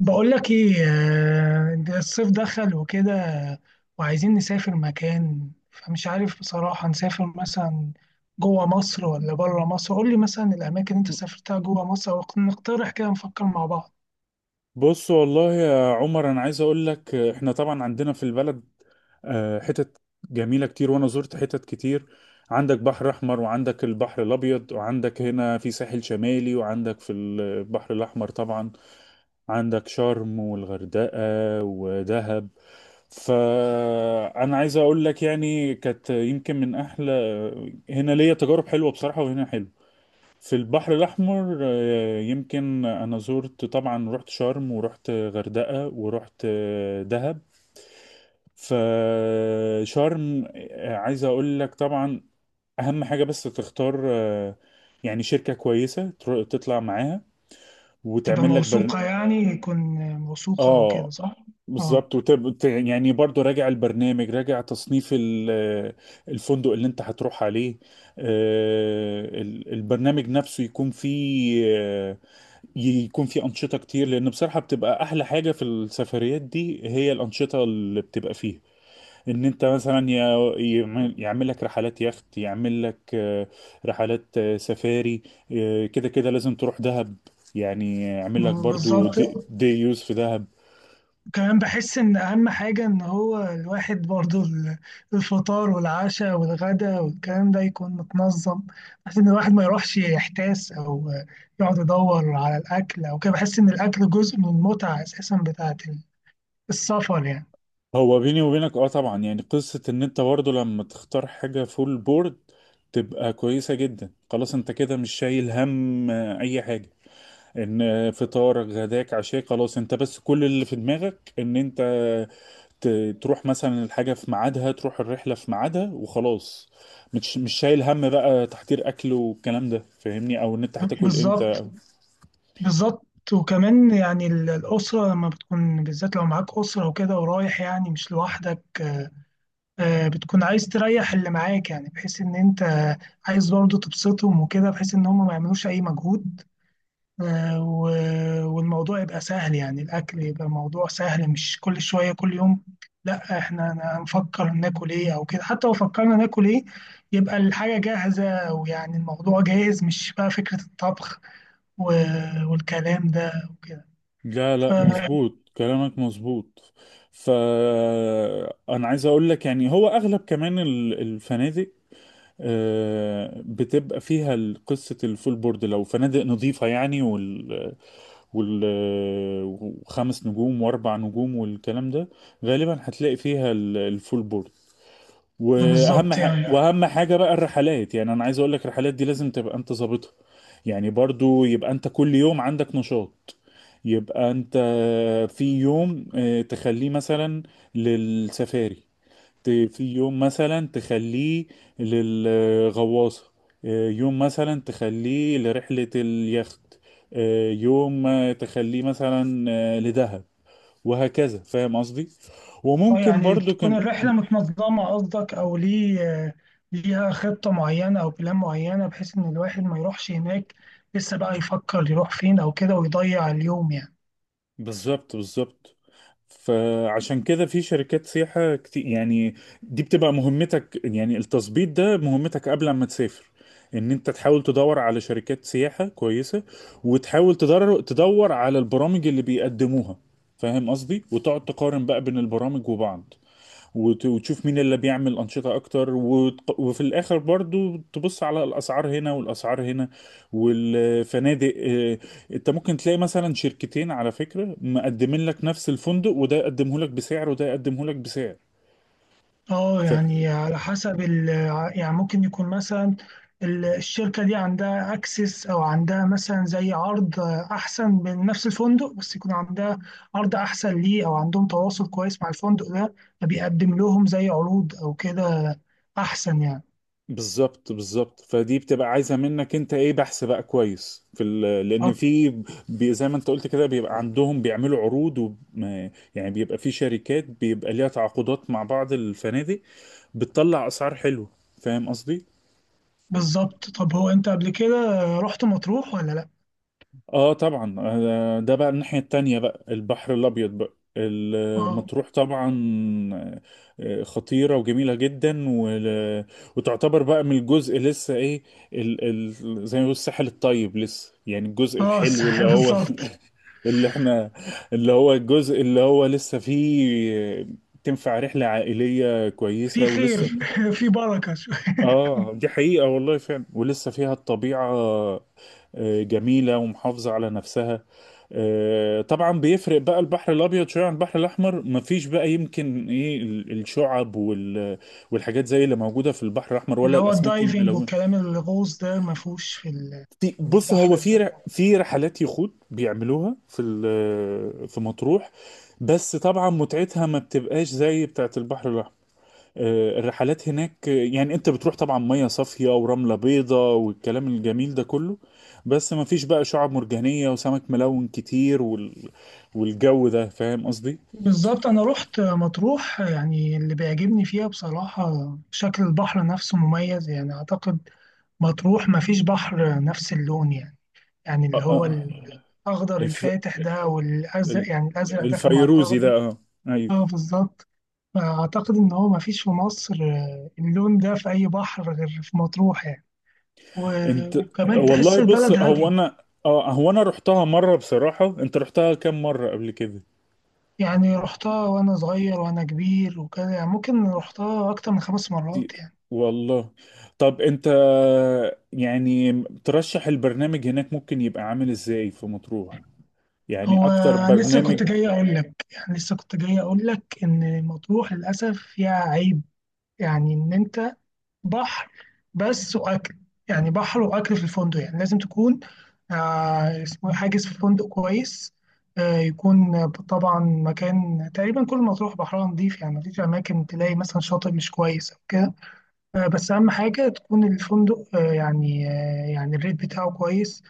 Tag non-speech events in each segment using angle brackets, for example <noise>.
بقول لك ايه، ده الصيف دخل وكده. وعايزين نسافر مكان، فمش عارف بصراحة. نسافر مثلا جوه مصر ولا بره مصر؟ قول لي مثلا الأماكن اللي أنت سافرتها جوه مصر، ونقترح كده نفكر مع بعض. بص والله يا عمر، انا عايز اقول لك، احنا طبعا عندنا في البلد حتت جميله كتير، وانا زرت حتت كتير. عندك بحر احمر، وعندك البحر الابيض، وعندك هنا في ساحل شمالي، وعندك في البحر الاحمر طبعا عندك شرم والغردقه ودهب. فانا عايز اقول لك يعني كانت يمكن من احلى، هنا ليا تجارب حلوه بصراحه، وهنا حلو في البحر الأحمر. يمكن أنا زرت طبعا، رحت شرم ورحت غردقة ورحت دهب. فشرم، عايز أقول لك طبعا أهم حاجة بس تختار، يعني شركة كويسة تطلع معاها تبقى وتعمل لك موثوقة، يعني يكون موثوقة أو كده، آه صح؟ اه. بالظبط. يعني برضو راجع البرنامج، راجع تصنيف الفندق اللي انت هتروح عليه. البرنامج نفسه يكون فيه، يكون في أنشطة كتير، لأن بصراحة بتبقى أحلى حاجة في السفريات دي هي الأنشطة اللي بتبقى فيها. إن أنت مثلا يعمل يعمل لك رحلات يخت، يعمل لك رحلات سفاري. كده كده لازم تروح دهب، يعني يعمل لك برضو بالظبط. دي يوز في دهب. كمان بحس ان اهم حاجة ان هو الواحد برضو الفطار والعشاء والغداء والكلام ده يكون متنظم. بحس ان الواحد ما يروحش يحتاس، او يقعد يدور على الاكل او كده. بحس ان الاكل جزء من المتعة اساسا بتاعت السفر يعني. هو بيني وبينك اه طبعا، يعني قصة إن أنت برضو لما تختار حاجة فول بورد تبقى كويسة جدا. خلاص أنت كده مش شايل هم أي حاجة، ان فطارك غداك عشاك خلاص. انت بس كل اللي في دماغك ان انت تروح مثلا الحاجة في ميعادها، تروح الرحلة في ميعادها وخلاص. مش شايل هم بقى تحضير اكل والكلام ده، فاهمني؟ او ان انت هتاكل بالظبط امتى. بالظبط. وكمان يعني الأسرة لما بتكون، بالذات لو معاك أسرة وكده ورايح يعني مش لوحدك. بتكون عايز تريح اللي معاك، يعني بحيث إن أنت عايز برضه تبسطهم وكده، بحيث إن هم ما يعملوش أي مجهود. آه، و- والموضوع يبقى سهل. يعني الأكل يبقى موضوع سهل، مش كل شوية كل يوم لا احنا هنفكر ناكل ايه او كده. حتى لو فكرنا ناكل ايه، يبقى الحاجة جاهزة، ويعني الموضوع جاهز، مش بقى فكرة الطبخ والكلام ده وكده. لا ف- لا، مظبوط كلامك مظبوط. ف انا عايز اقول لك يعني هو اغلب كمان الفنادق بتبقى فيها قصة الفول بورد، لو فنادق نظيفة يعني وال- وخمس نجوم واربع نجوم والكلام ده، غالبا هتلاقي فيها الفول بورد. بالظبط يعني. واهم حاجه بقى الرحلات. يعني انا عايز اقول لك الرحلات دي لازم تبقى انت ظابطها. يعني برضو يبقى انت كل يوم عندك نشاط، يبقى انت في يوم تخليه مثلا للسفاري، في يوم مثلا تخليه للغواصة، يوم مثلا تخليه لرحلة اليخت، يوم تخليه مثلا لدهب، وهكذا. فاهم قصدي؟ اه، وممكن يعني برضو تكون كم الرحلة متنظمة قصدك، او ليه؟ آه، ليها خطة معينة او بلان معينة، بحيث ان الواحد ما يروحش هناك لسه بقى يفكر يروح فين او كده ويضيع اليوم يعني. بالظبط بالظبط. فعشان كده في شركات سياحة كتير يعني، دي بتبقى مهمتك، يعني التظبيط ده مهمتك قبل ما تسافر. ان انت تحاول تدور على شركات سياحة كويسة، وتحاول تدور على البرامج اللي بيقدموها، فاهم قصدي؟ وتقعد تقارن بقى بين البرامج وبعض، وتشوف مين اللي بيعمل أنشطة أكتر، وفي الآخر برضو تبص على الأسعار هنا والأسعار هنا، والفنادق. أنت ممكن تلاقي مثلا شركتين على فكرة مقدمين لك نفس الفندق، وده يقدمه لك بسعر وده يقدمه لك بسعر. اه يعني على حسب يعني. ممكن يكون مثلا الشركة دي عندها اكسس، او عندها مثلا زي عرض احسن من نفس الفندق. بس يكون عندها عرض احسن ليه، او عندهم تواصل كويس مع الفندق ده، فبيقدم لهم زي عروض او كده احسن يعني. بالظبط بالظبط. فدي بتبقى عايزه منك انت ايه، بحث بقى كويس في لان اه في زي ما انت قلت كده بيبقى عندهم بيعملوا عروض و... ما- يعني بيبقى في شركات بيبقى ليها تعاقدات مع بعض الفنادق بتطلع اسعار حلوه، فاهم قصدي؟ بالظبط. طب هو انت قبل كده رحت مطروح ولا لا؟ اه طبعا، ده بقى الناحية التانية بقى، البحر الأبيض بقى، اه. المطروح طبعا خطيرة وجميلة جدا وتعتبر بقى من الجزء لسه ايه، ال زي ما بيقولوا الساحل الطيب لسه، يعني الجزء اه الحلو صح، اللي هو بالظبط. <laughs> اللي احنا، اللي هو الجزء اللي هو لسه فيه آه، تنفع رحلة عائلية في كويسة خير ولسه. <laughs> في بركة شوية. اه دي حقيقة والله فعلا، ولسه فيها الطبيعة جميلة ومحافظة على نفسها. طبعا بيفرق بقى البحر الأبيض شوية عن البحر الأحمر، مفيش بقى يمكن إيه الشعب والحاجات زي اللي موجودة في البحر الأحمر، ولا اللي هو الأسماك الدايفنج الملونة. والكلام، الغوص ده ما فيهوش في بص، البحر. هو في في رحلات يخوت بيعملوها في في مطروح، بس طبعا متعتها ما بتبقاش زي بتاعت البحر الأحمر. الرحلات هناك، يعني انت بتروح طبعا ميه صافيه ورمله بيضه والكلام الجميل ده كله، بس ما فيش بقى شعاب مرجانيه وسمك ملون كتير والجو ده، فاهم قصدي؟ بالظبط، أنا رحت مطروح. يعني اللي بيعجبني فيها بصراحة شكل البحر نفسه مميز يعني. أعتقد مطروح مفيش بحر نفس اللون يعني. يعني اللي آه، هو آه، الأخضر الف... الفاتح ده والأزرق، ال- يعني الأزرق داخل مع الفيروزي الأخضر. ده اه. ايوه. اه بالظبط. فأعتقد إن هو مفيش في مصر اللون ده في أي بحر غير في مطروح يعني. انت وكمان تحس والله، بص البلد هو هادية. انا اه، هو انا رحتها مره بصراحه. انت رحتها كام مره قبل كده؟ يعني رحتها وأنا صغير وأنا كبير وكده، يعني ممكن رحتها أكتر من 5 مرات كتير يعني. والله. طب انت يعني ترشح البرنامج هناك ممكن يبقى عامل ازاي في مطروح، يعني هو اكتر لسه برنامج؟ كنت جاي اقول لك، يعني لسه كنت جاي اقول لك ان مطروح للاسف فيها عيب. يعني ان انت بحر بس واكل. يعني بحر واكل في الفندق، يعني لازم تكون آه اسمه إيه، حاجز في فندق كويس. يكون طبعا مكان، تقريبا كل مطروح بحرها نظيف يعني، مفيش اماكن تلاقي مثلا شاطئ مش كويس او كده. بس اهم حاجه تكون الفندق يعني يعني الريت بتاعه كويس.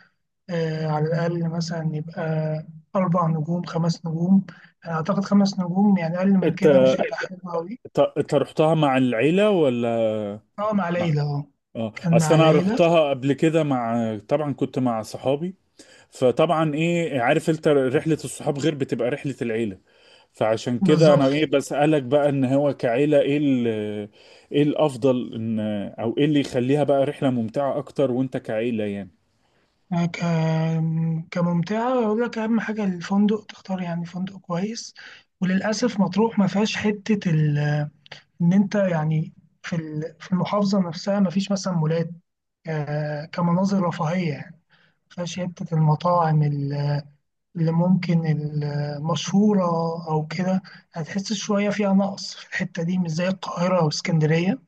على الأقل مثلا يبقى 4 نجوم 5 نجوم. أنا أعتقد 5 نجوم، يعني أقل من انت كده مش هيبقى حلو أوي. انت رحتها مع العيلة ولا أه مع مع؟ ليلى أه. اه كان اصل مع انا ليلى، رحتها قبل كده مع، طبعا كنت مع صحابي، فطبعا ايه عارف، انت رحلة الصحاب غير بتبقى رحلة العيلة. فعشان كده انا بالظبط. ايه بسألك بقى ان هو كعيلة ايه ايه الافضل، ان او ايه اللي يخليها بقى رحلة ممتعة اكتر وانت كعيلة يعني. كممتعة أقول لك أهم حاجة الفندق تختار، يعني فندق كويس. وللأسف مطروح ما فيهاش حتة إن أنت يعني في المحافظة نفسها، ما فيش مثلا مولات. كمناظر رفاهية يعني. ما فيهاش حتة المطاعم اللي ممكن المشهورة أو كده. هتحس شوية فيها نقص في الحتة دي، مش زي القاهرة أو اسكندرية.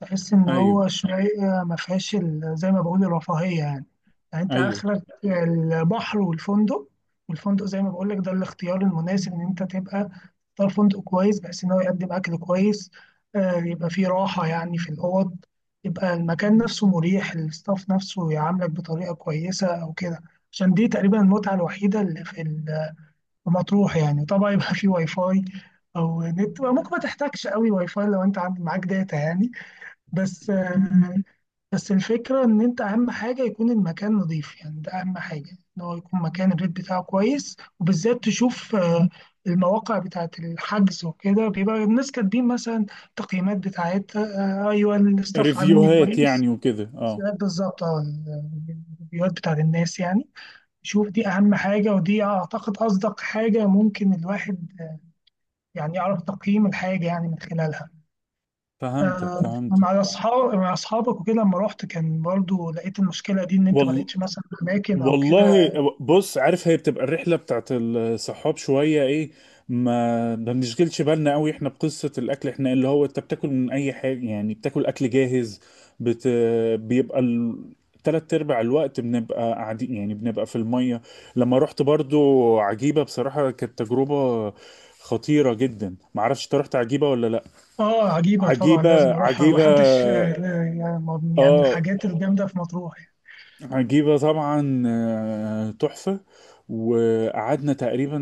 تحس إن ايوه. هو شوية ما فيهاش زي ما بقول الرفاهية يعني. يعني أنت ايوه. آخرك البحر والفندق. والفندق زي ما بقول لك ده الاختيار المناسب، إن أنت تبقى تختار فندق كويس بحيث إن هو يقدم أكل كويس. يبقى فيه راحة يعني في الأوض، يبقى المكان نفسه مريح، الستاف نفسه يعاملك بطريقة كويسة أو كده. عشان دي تقريبا المتعة الوحيدة اللي في مطروح يعني. طبعا يبقى فيه واي فاي، أو نت. ممكن ما تحتاجش قوي واي فاي لو أنت عندك معاك داتا يعني. بس بس الفكرة إن أنت أهم حاجة يكون المكان نظيف يعني. ده أهم حاجة، إن هو يكون مكان الريت بتاعه كويس، وبالذات تشوف المواقع بتاعة الحجز وكده، بيبقى الناس كاتبين مثلا تقييمات بتاعتها. أيوه، الستاف عاملني ريفيوهات كويس. يعني وكده، اه. بالظبط اه. الريفيوهات بتاعة الناس يعني، شوف دي أهم حاجة. ودي أعتقد أصدق حاجة ممكن الواحد يعني يعرف تقييم الحاجة يعني من خلالها. فهمتك آه، مع فهمتك. اصحاب مع اصحابك وكده لما رحت، كان برضو لقيت المشكله دي ان انت ما والله لقيتش مثلا اماكن او والله، كده. بص عارف هي بتبقى الرحلة بتاعت الصحاب شوية ايه، ما بنشغلش بالنا قوي احنا بقصة الاكل، احنا اللي هو انت بتاكل من اي حاجة، يعني بتاكل اكل جاهز. بت... بيبقى ال... تلات ارباع الوقت بنبقى قاعدين، يعني بنبقى في المية. لما رحت برضو عجيبة بصراحة كانت تجربة خطيرة جدا. معرفش انت رحت عجيبة ولا لا؟ اه عجيبه طبعا عجيبة لازم اروحها عجيبة. محدش. يعني يعني من اه الحاجات الجامده في مطروح عجيبة طبعا، تحفة. وقعدنا تقريبا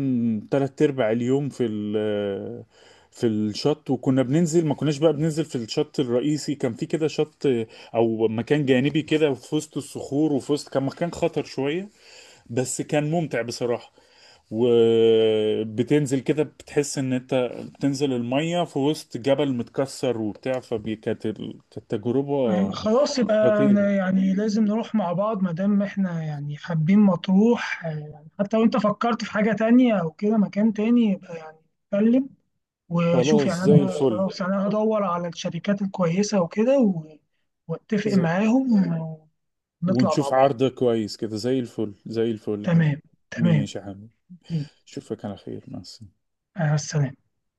تلات أرباع اليوم في ال آه، في الشط، وكنا بننزل، ما كناش بقى بننزل في الشط الرئيسي، كان في كده شط أو مكان جانبي كده في وسط الصخور، وفي وسط كان مكان خطر شوية بس كان ممتع بصراحة. وبتنزل كده بتحس ان انت بتنزل المية في وسط جبل متكسر وبتاع، كانت يعني. تجربة خلاص يبقى خطيرة. أنا يعني لازم نروح مع بعض ما دام احنا يعني حابين مطروح. يعني حتى لو انت فكرت في حاجه تانية او كده مكان تاني، يبقى يعني اتكلم وشوف خلاص يعني زي انا. الفل. خلاص يعني انا هدور على الشركات الكويسه وكده و- واتفق زي معاهم ونطلع مع ونشوف بعض. عرض كويس كده، زي الفل زي الفل يا حبيبي. تمام تمام. ماشي يا حبيبي، اشوفك على خير، مع السلامة. مع السلامة.